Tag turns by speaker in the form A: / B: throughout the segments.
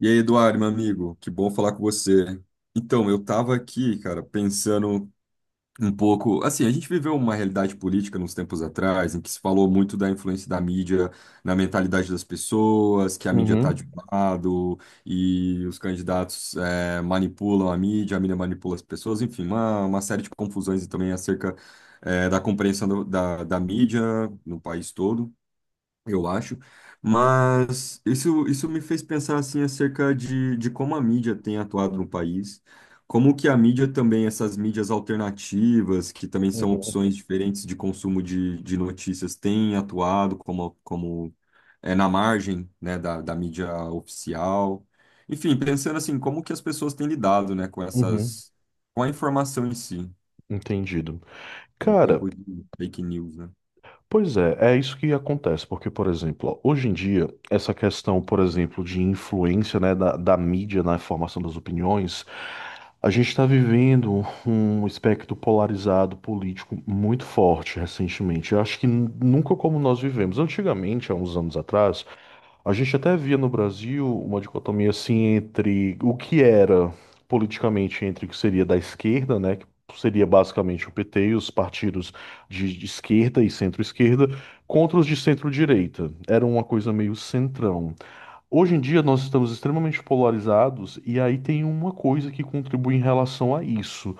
A: E aí, Eduardo, meu amigo, que bom falar com você. Então, eu estava aqui, cara, pensando um pouco. Assim, a gente viveu uma realidade política nos tempos atrás, em que se falou muito da influência da mídia na mentalidade das pessoas, que a mídia está de
B: Uhum,
A: um lado e os candidatos manipulam a mídia manipula as pessoas, enfim, uma série de confusões e também acerca da compreensão da mídia no país todo eu acho. Mas isso me fez pensar assim acerca de como a mídia tem atuado no país, como que a mídia também, essas mídias alternativas, que também são
B: uhum,
A: opções diferentes de consumo de notícias, têm atuado como é, na margem, né, da mídia oficial. Enfim, pensando assim, como que as pessoas têm lidado, né,
B: uhum,
A: com a informação em si,
B: entendido.
A: em
B: Cara,
A: tempo de fake news, né?
B: pois é, é isso que acontece, porque, por exemplo, ó, hoje em dia, essa questão, por exemplo, de influência, né, da mídia na formação das opiniões, a gente está vivendo um espectro polarizado político muito forte recentemente. Eu acho que nunca como nós vivemos. Antigamente, há uns anos atrás, a gente até via no Brasil uma dicotomia assim entre o que era politicamente entre o que seria da esquerda, né, que seria basicamente o PT e os partidos de esquerda e centro-esquerda, contra os de centro-direita. Era uma coisa meio centrão. Hoje em dia nós estamos extremamente polarizados e aí tem uma coisa que contribui em relação a isso.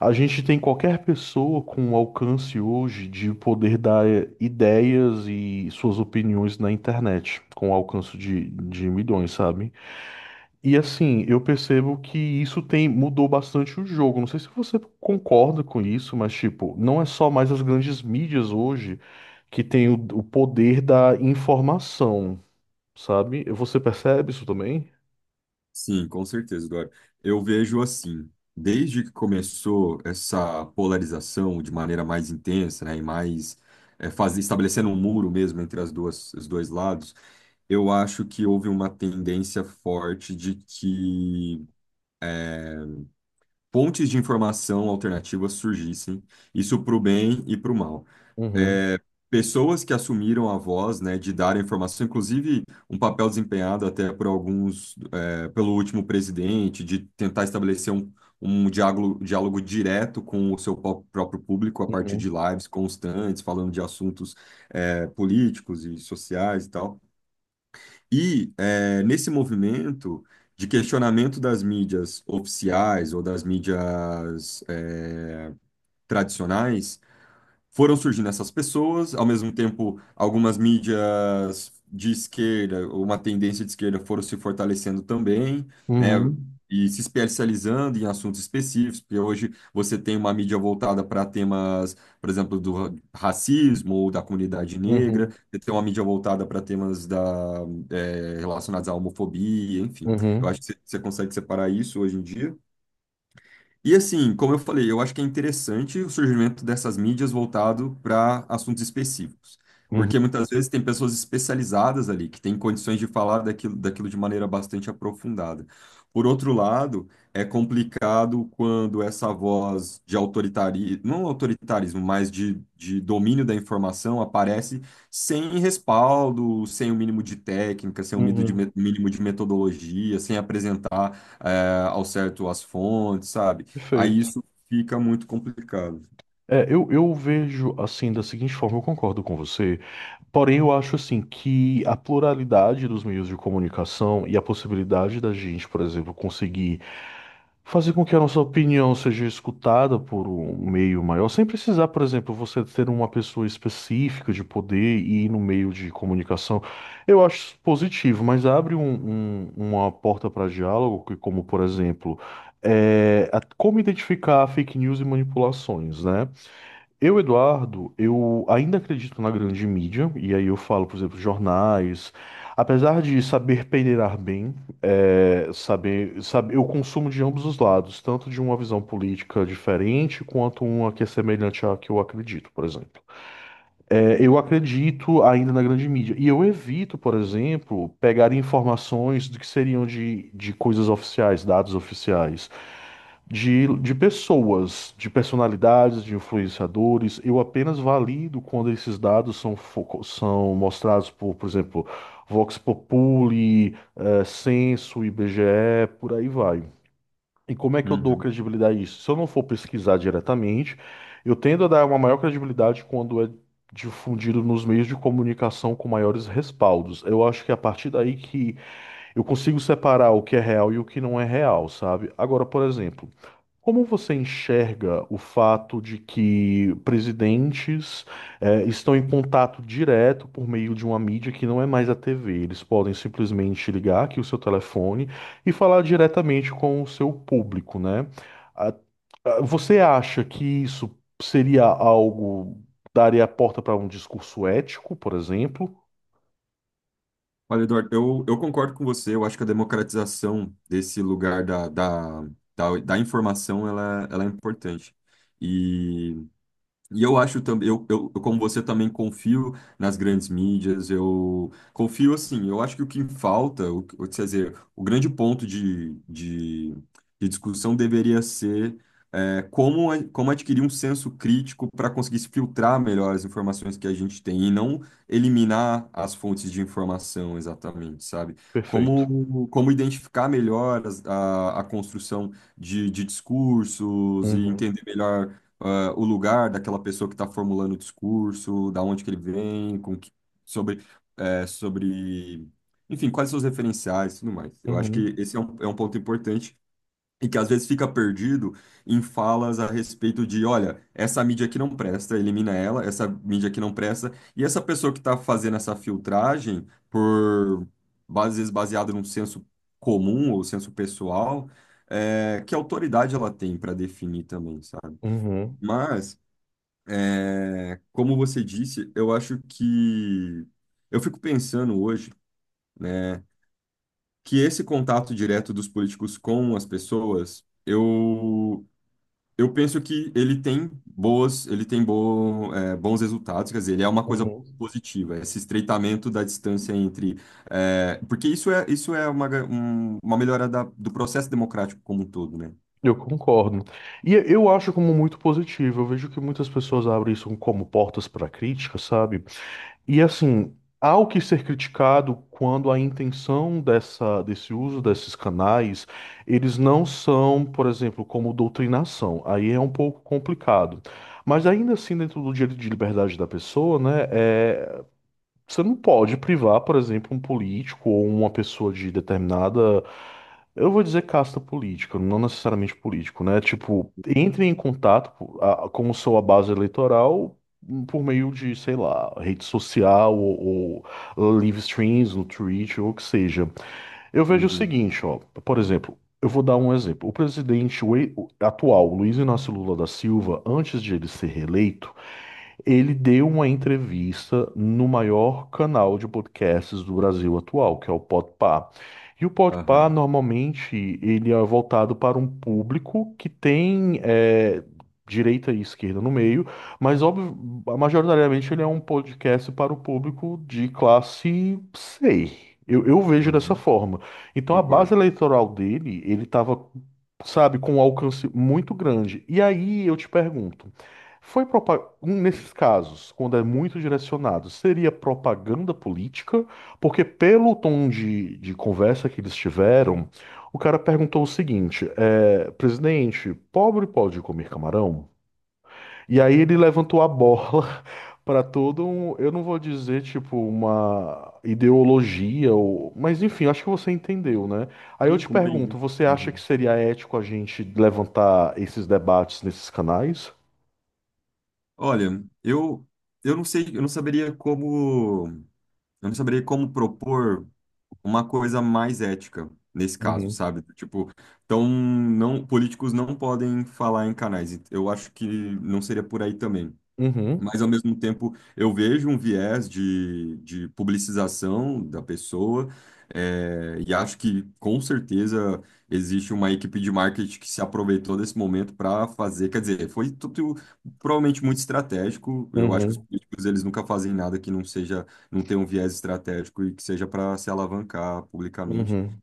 B: A gente tem qualquer pessoa com o alcance hoje de poder dar ideias e suas opiniões na internet, com o alcance de milhões, sabe? E assim, eu percebo que isso tem mudou bastante o jogo. Não sei se você concorda com isso, mas tipo, não é só mais as grandes mídias hoje que têm o poder da informação, sabe? Você percebe isso também?
A: Sim, com certeza, Dora. Eu vejo assim, desde que começou essa polarização de maneira mais intensa, né, e mais estabelecendo um muro mesmo entre as duas, os dois lados, eu acho que houve uma tendência forte de que pontes de informação alternativas surgissem, isso para o bem e para o mal.
B: Uhum,
A: Pessoas que assumiram a voz, né, de dar a informação, inclusive um papel desempenhado até por alguns, é, pelo último presidente, de tentar estabelecer um diálogo direto com o seu próprio público a partir de
B: uhum,
A: lives constantes, falando de assuntos, é, políticos e sociais e tal. E, é, nesse movimento de questionamento das mídias oficiais ou das mídias, é, tradicionais, foram surgindo essas pessoas, ao mesmo tempo, algumas mídias de esquerda, uma tendência de esquerda foram se fortalecendo também, né?
B: uhum,
A: E se especializando em assuntos específicos, porque hoje você tem uma mídia voltada para temas, por exemplo, do racismo ou da comunidade negra,
B: uhum,
A: você tem uma mídia voltada para temas da, relacionados à homofobia, enfim. Eu
B: uhum,
A: acho que você consegue separar isso hoje em dia. E assim, como eu falei, eu acho que é interessante o surgimento dessas mídias voltado para assuntos específicos,
B: uhum,
A: porque muitas vezes tem pessoas especializadas ali que têm condições de falar daquilo de maneira bastante aprofundada. Por outro lado, é complicado quando essa voz de autoritarismo, não autoritarismo, mas de domínio da informação aparece sem respaldo, sem o mínimo de técnica, sem o mínimo de
B: uhum.
A: mínimo de metodologia, sem apresentar, ao certo as fontes, sabe? Aí
B: Perfeito.
A: isso fica muito complicado.
B: É, eu vejo assim da seguinte forma, eu concordo com você, porém eu acho assim que a pluralidade dos meios de comunicação e a possibilidade da gente, por exemplo, conseguir fazer com que a nossa opinião seja escutada por um meio maior, sem precisar, por exemplo, você ter uma pessoa específica de poder e ir no meio de comunicação, eu acho positivo, mas abre uma porta para diálogo, que como por exemplo, é, como identificar fake news e manipulações, né? Eu, Eduardo, eu ainda acredito na grande mídia, e aí eu falo, por exemplo, jornais. Apesar de saber peneirar bem, é, saber, eu consumo de ambos os lados, tanto de uma visão política diferente quanto uma que é semelhante à que eu acredito, por exemplo. É, eu acredito ainda na grande mídia. E eu evito, por exemplo, pegar informações do que seriam de coisas oficiais, dados oficiais, de pessoas, de personalidades, de influenciadores. Eu apenas valido quando esses dados são, são mostrados por exemplo, Vox Populi, Censo, IBGE, por aí vai. E como é que eu dou
A: Uhum.
B: credibilidade a isso? Se eu não for pesquisar diretamente, eu tendo a dar uma maior credibilidade quando é difundido nos meios de comunicação com maiores respaldos. Eu acho que é a partir daí que eu consigo separar o que é real e o que não é real, sabe? Agora, por exemplo. Como você enxerga o fato de que presidentes estão em contato direto por meio de uma mídia que não é mais a TV? Eles podem simplesmente ligar aqui o seu telefone e falar diretamente com o seu público, né? Ah, Você acha que isso seria algo, daria a porta para um discurso ético, por exemplo?
A: Olha, Eduardo, eu concordo com você. Eu acho que a democratização desse lugar da informação ela é importante. E E eu acho também, eu, como você também confio nas grandes mídias, eu confio assim, eu acho que o que falta, quer dizer, o grande ponto de discussão deveria ser como adquirir um senso crítico para conseguir se filtrar melhor as informações que a gente tem e não eliminar as fontes de informação exatamente, sabe?
B: Perfeito.
A: Como identificar melhor a construção de discursos e
B: Uhum,
A: entender melhor o lugar daquela pessoa que está formulando o discurso, da onde que ele vem, sobre, sobre, enfim, quais são os referenciais e tudo mais. Eu acho
B: uhum,
A: que esse é um ponto importante e que às vezes fica perdido em falas a respeito de, olha, essa mídia aqui não presta, elimina ela, essa mídia aqui não presta, e essa pessoa que está fazendo essa filtragem por, às vezes, baseado num senso comum ou senso pessoal, que autoridade ela tem para definir também, sabe?
B: uhum,
A: Mas como você disse, eu acho que eu fico pensando hoje, né, que esse contato direto dos políticos com as pessoas, eu penso que ele tem boas, ele tem bo, é, bons resultados, quer dizer, ele é uma coisa
B: uhum.
A: positiva, esse estreitamento da distância entre, é, porque isso é uma melhora do processo democrático como um todo, né?
B: Eu concordo. E eu acho como muito positivo. Eu vejo que muitas pessoas abrem isso como portas para crítica, sabe? E assim, há o que ser criticado quando a intenção dessa, desse uso desses canais, eles não são, por exemplo, como doutrinação. Aí é um pouco complicado. Mas ainda assim, dentro do direito de liberdade da pessoa, né? É, você não pode privar, por exemplo, um político ou uma pessoa de determinada, eu vou dizer casta política, não necessariamente político, né? Tipo, entre em contato com sua base eleitoral por meio de, sei lá, rede social ou live streams no Twitch ou o que seja. Eu vejo o
A: Uhum.
B: seguinte, ó, por exemplo, eu vou dar um exemplo. O presidente o atual, Luiz Inácio Lula da Silva, antes de ele ser reeleito ele deu uma entrevista no maior canal de podcasts do Brasil atual, que é o Podpah. E o Podpah,
A: Aham,
B: normalmente, ele é voltado para um público que tem direita e esquerda no meio, mas óbvio, majoritariamente ele é um podcast para o público de classe C. Eu vejo dessa
A: aham,
B: forma. Então a base
A: concordo.
B: eleitoral dele, ele estava, sabe, com um alcance muito grande. E aí eu te pergunto. Foi nesses casos, quando é muito direcionado, seria propaganda política, porque pelo tom de conversa que eles tiveram, o cara perguntou o seguinte: é, presidente, pobre pode comer camarão? E aí ele levantou a bola para todo um, eu não vou dizer tipo uma ideologia, ou, mas enfim, acho que você entendeu, né? Aí eu
A: Sim,
B: te
A: compreendi.
B: pergunto, você acha que
A: Uhum.
B: seria ético a gente levantar esses debates nesses canais?
A: Olha, eu não sei, eu não saberia como propor uma coisa mais ética nesse caso,
B: Uhum.
A: sabe? Tipo, então não, políticos não podem falar em canais. Eu acho que não seria por aí também.
B: Uhum.
A: Mas, ao mesmo tempo, eu vejo um viés de publicização da pessoa, e acho que, com certeza, existe uma equipe de marketing que se aproveitou desse momento para fazer. Quer dizer, foi tudo provavelmente muito estratégico. Eu acho que os
B: Uhum,
A: políticos eles nunca fazem nada que não seja, não tenha um viés estratégico e que seja para se alavancar publicamente.
B: uhum.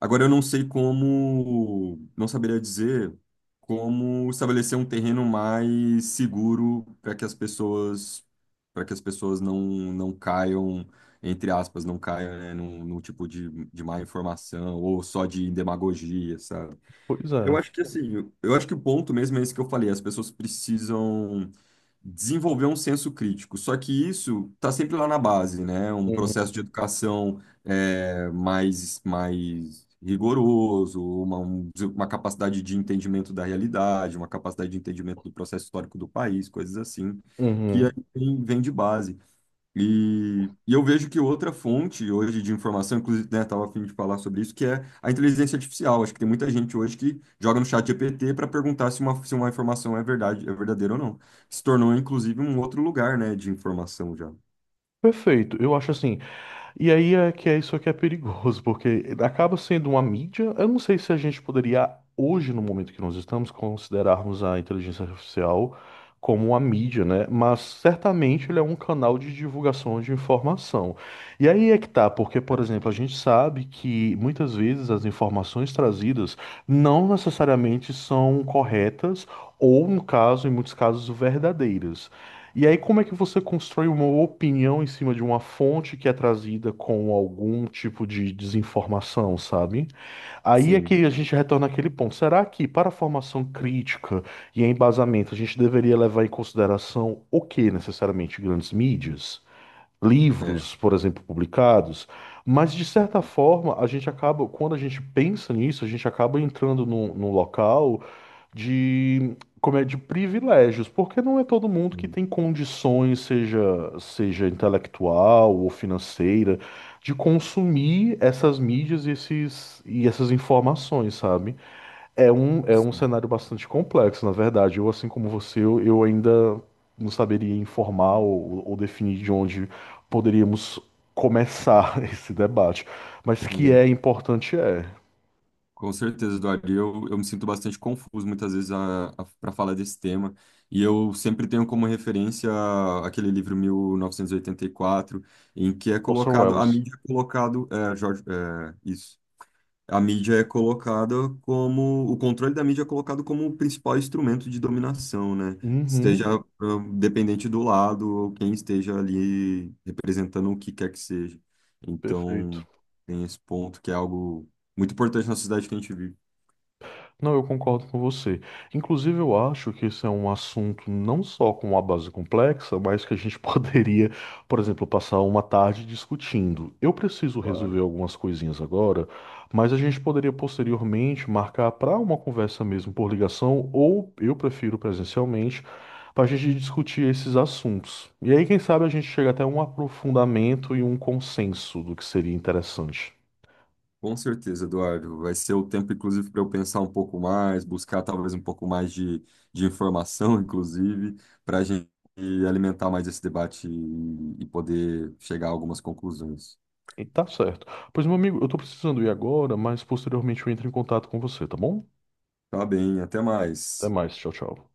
A: Agora eu não sei como, não saberia dizer como estabelecer um terreno mais seguro para que as pessoas não caiam, entre aspas, não caiam, né, num tipo de má informação ou só de demagogia, sabe?
B: Pois
A: Eu
B: é.
A: acho que assim, eu acho que o ponto mesmo é esse que eu falei, as pessoas precisam desenvolver um senso crítico. Só que isso está sempre lá na base, né? Um
B: Uhum,
A: processo de educação mais rigoroso, uma capacidade de entendimento da realidade, uma capacidade de entendimento do processo histórico do país, coisas assim, que aí
B: uhum.
A: vem de base. E eu vejo que outra fonte hoje de informação, inclusive, né, estava a fim de falar sobre isso, que é a inteligência artificial. Acho que tem muita gente hoje que joga no chat GPT para perguntar se uma informação é verdade, é verdadeira ou não. Se tornou, inclusive, um outro lugar, né, de informação já.
B: Perfeito. E aí é que é isso que é perigoso, porque acaba sendo uma mídia. Eu não sei se a gente poderia, hoje, no momento que nós estamos, considerarmos a inteligência artificial como uma mídia, né? Mas certamente ele é um canal de divulgação de informação. E aí é que tá, porque,
A: É.
B: por exemplo, a gente sabe que muitas vezes as informações trazidas não necessariamente são corretas ou, no caso, em muitos casos, verdadeiras. E aí, como é que você constrói uma opinião em cima de uma fonte que é trazida com algum tipo de desinformação, sabe? Aí é
A: Sim,
B: que a gente retorna àquele ponto. Será que, para a formação crítica e embasamento, a gente deveria levar em consideração o que necessariamente? Grandes mídias?
A: é.
B: Livros, por exemplo, publicados, mas de certa forma a gente acaba, quando a gente pensa nisso, a gente acaba entrando num, num local de, como é, de privilégios, porque não é todo mundo que tem condições, seja, seja intelectual ou financeira, de consumir essas mídias e, esses, e essas informações, sabe? É um
A: Sim,
B: cenário bastante complexo, na verdade. Eu, assim como você, eu ainda não saberia informar ou definir de onde poderíamos começar esse debate. Mas que
A: sim.
B: é importante é.
A: Com certeza, Eduardo. E eu me sinto bastante confuso muitas vezes para falar desse tema. E eu sempre tenho como referência aquele livro mil novecentos e oitenta e quatro em que é
B: Orson
A: colocado, a
B: Welles.
A: mídia é colocado, é, Jorge, é, isso. A mídia é colocada como, o controle da mídia é colocado como o principal instrumento de dominação, né? Esteja,
B: Uhum,
A: dependente do lado ou quem esteja ali representando o que quer que seja.
B: perfeito.
A: Então, tem esse ponto que é algo muito importante na sociedade que a gente vive.
B: Não, eu concordo com você. Inclusive, eu acho que esse é um assunto não só com uma base complexa, mas que a gente poderia, por exemplo, passar uma tarde discutindo. Eu preciso resolver
A: Claro.
B: algumas coisinhas agora, mas a gente poderia posteriormente marcar para uma conversa mesmo por ligação, ou eu prefiro presencialmente, para a gente discutir esses assuntos. E aí, quem sabe, a gente chega até um aprofundamento e um consenso do que seria interessante.
A: Com certeza, Eduardo. Vai ser o tempo, inclusive, para eu pensar um pouco mais, buscar talvez um pouco mais de informação, inclusive, para a gente alimentar mais esse debate e poder chegar a algumas conclusões.
B: E tá certo. Pois, meu amigo, eu tô precisando ir agora, mas posteriormente eu entro em contato com você, tá bom?
A: Tá bem, até
B: Até
A: mais.
B: mais, tchau, tchau.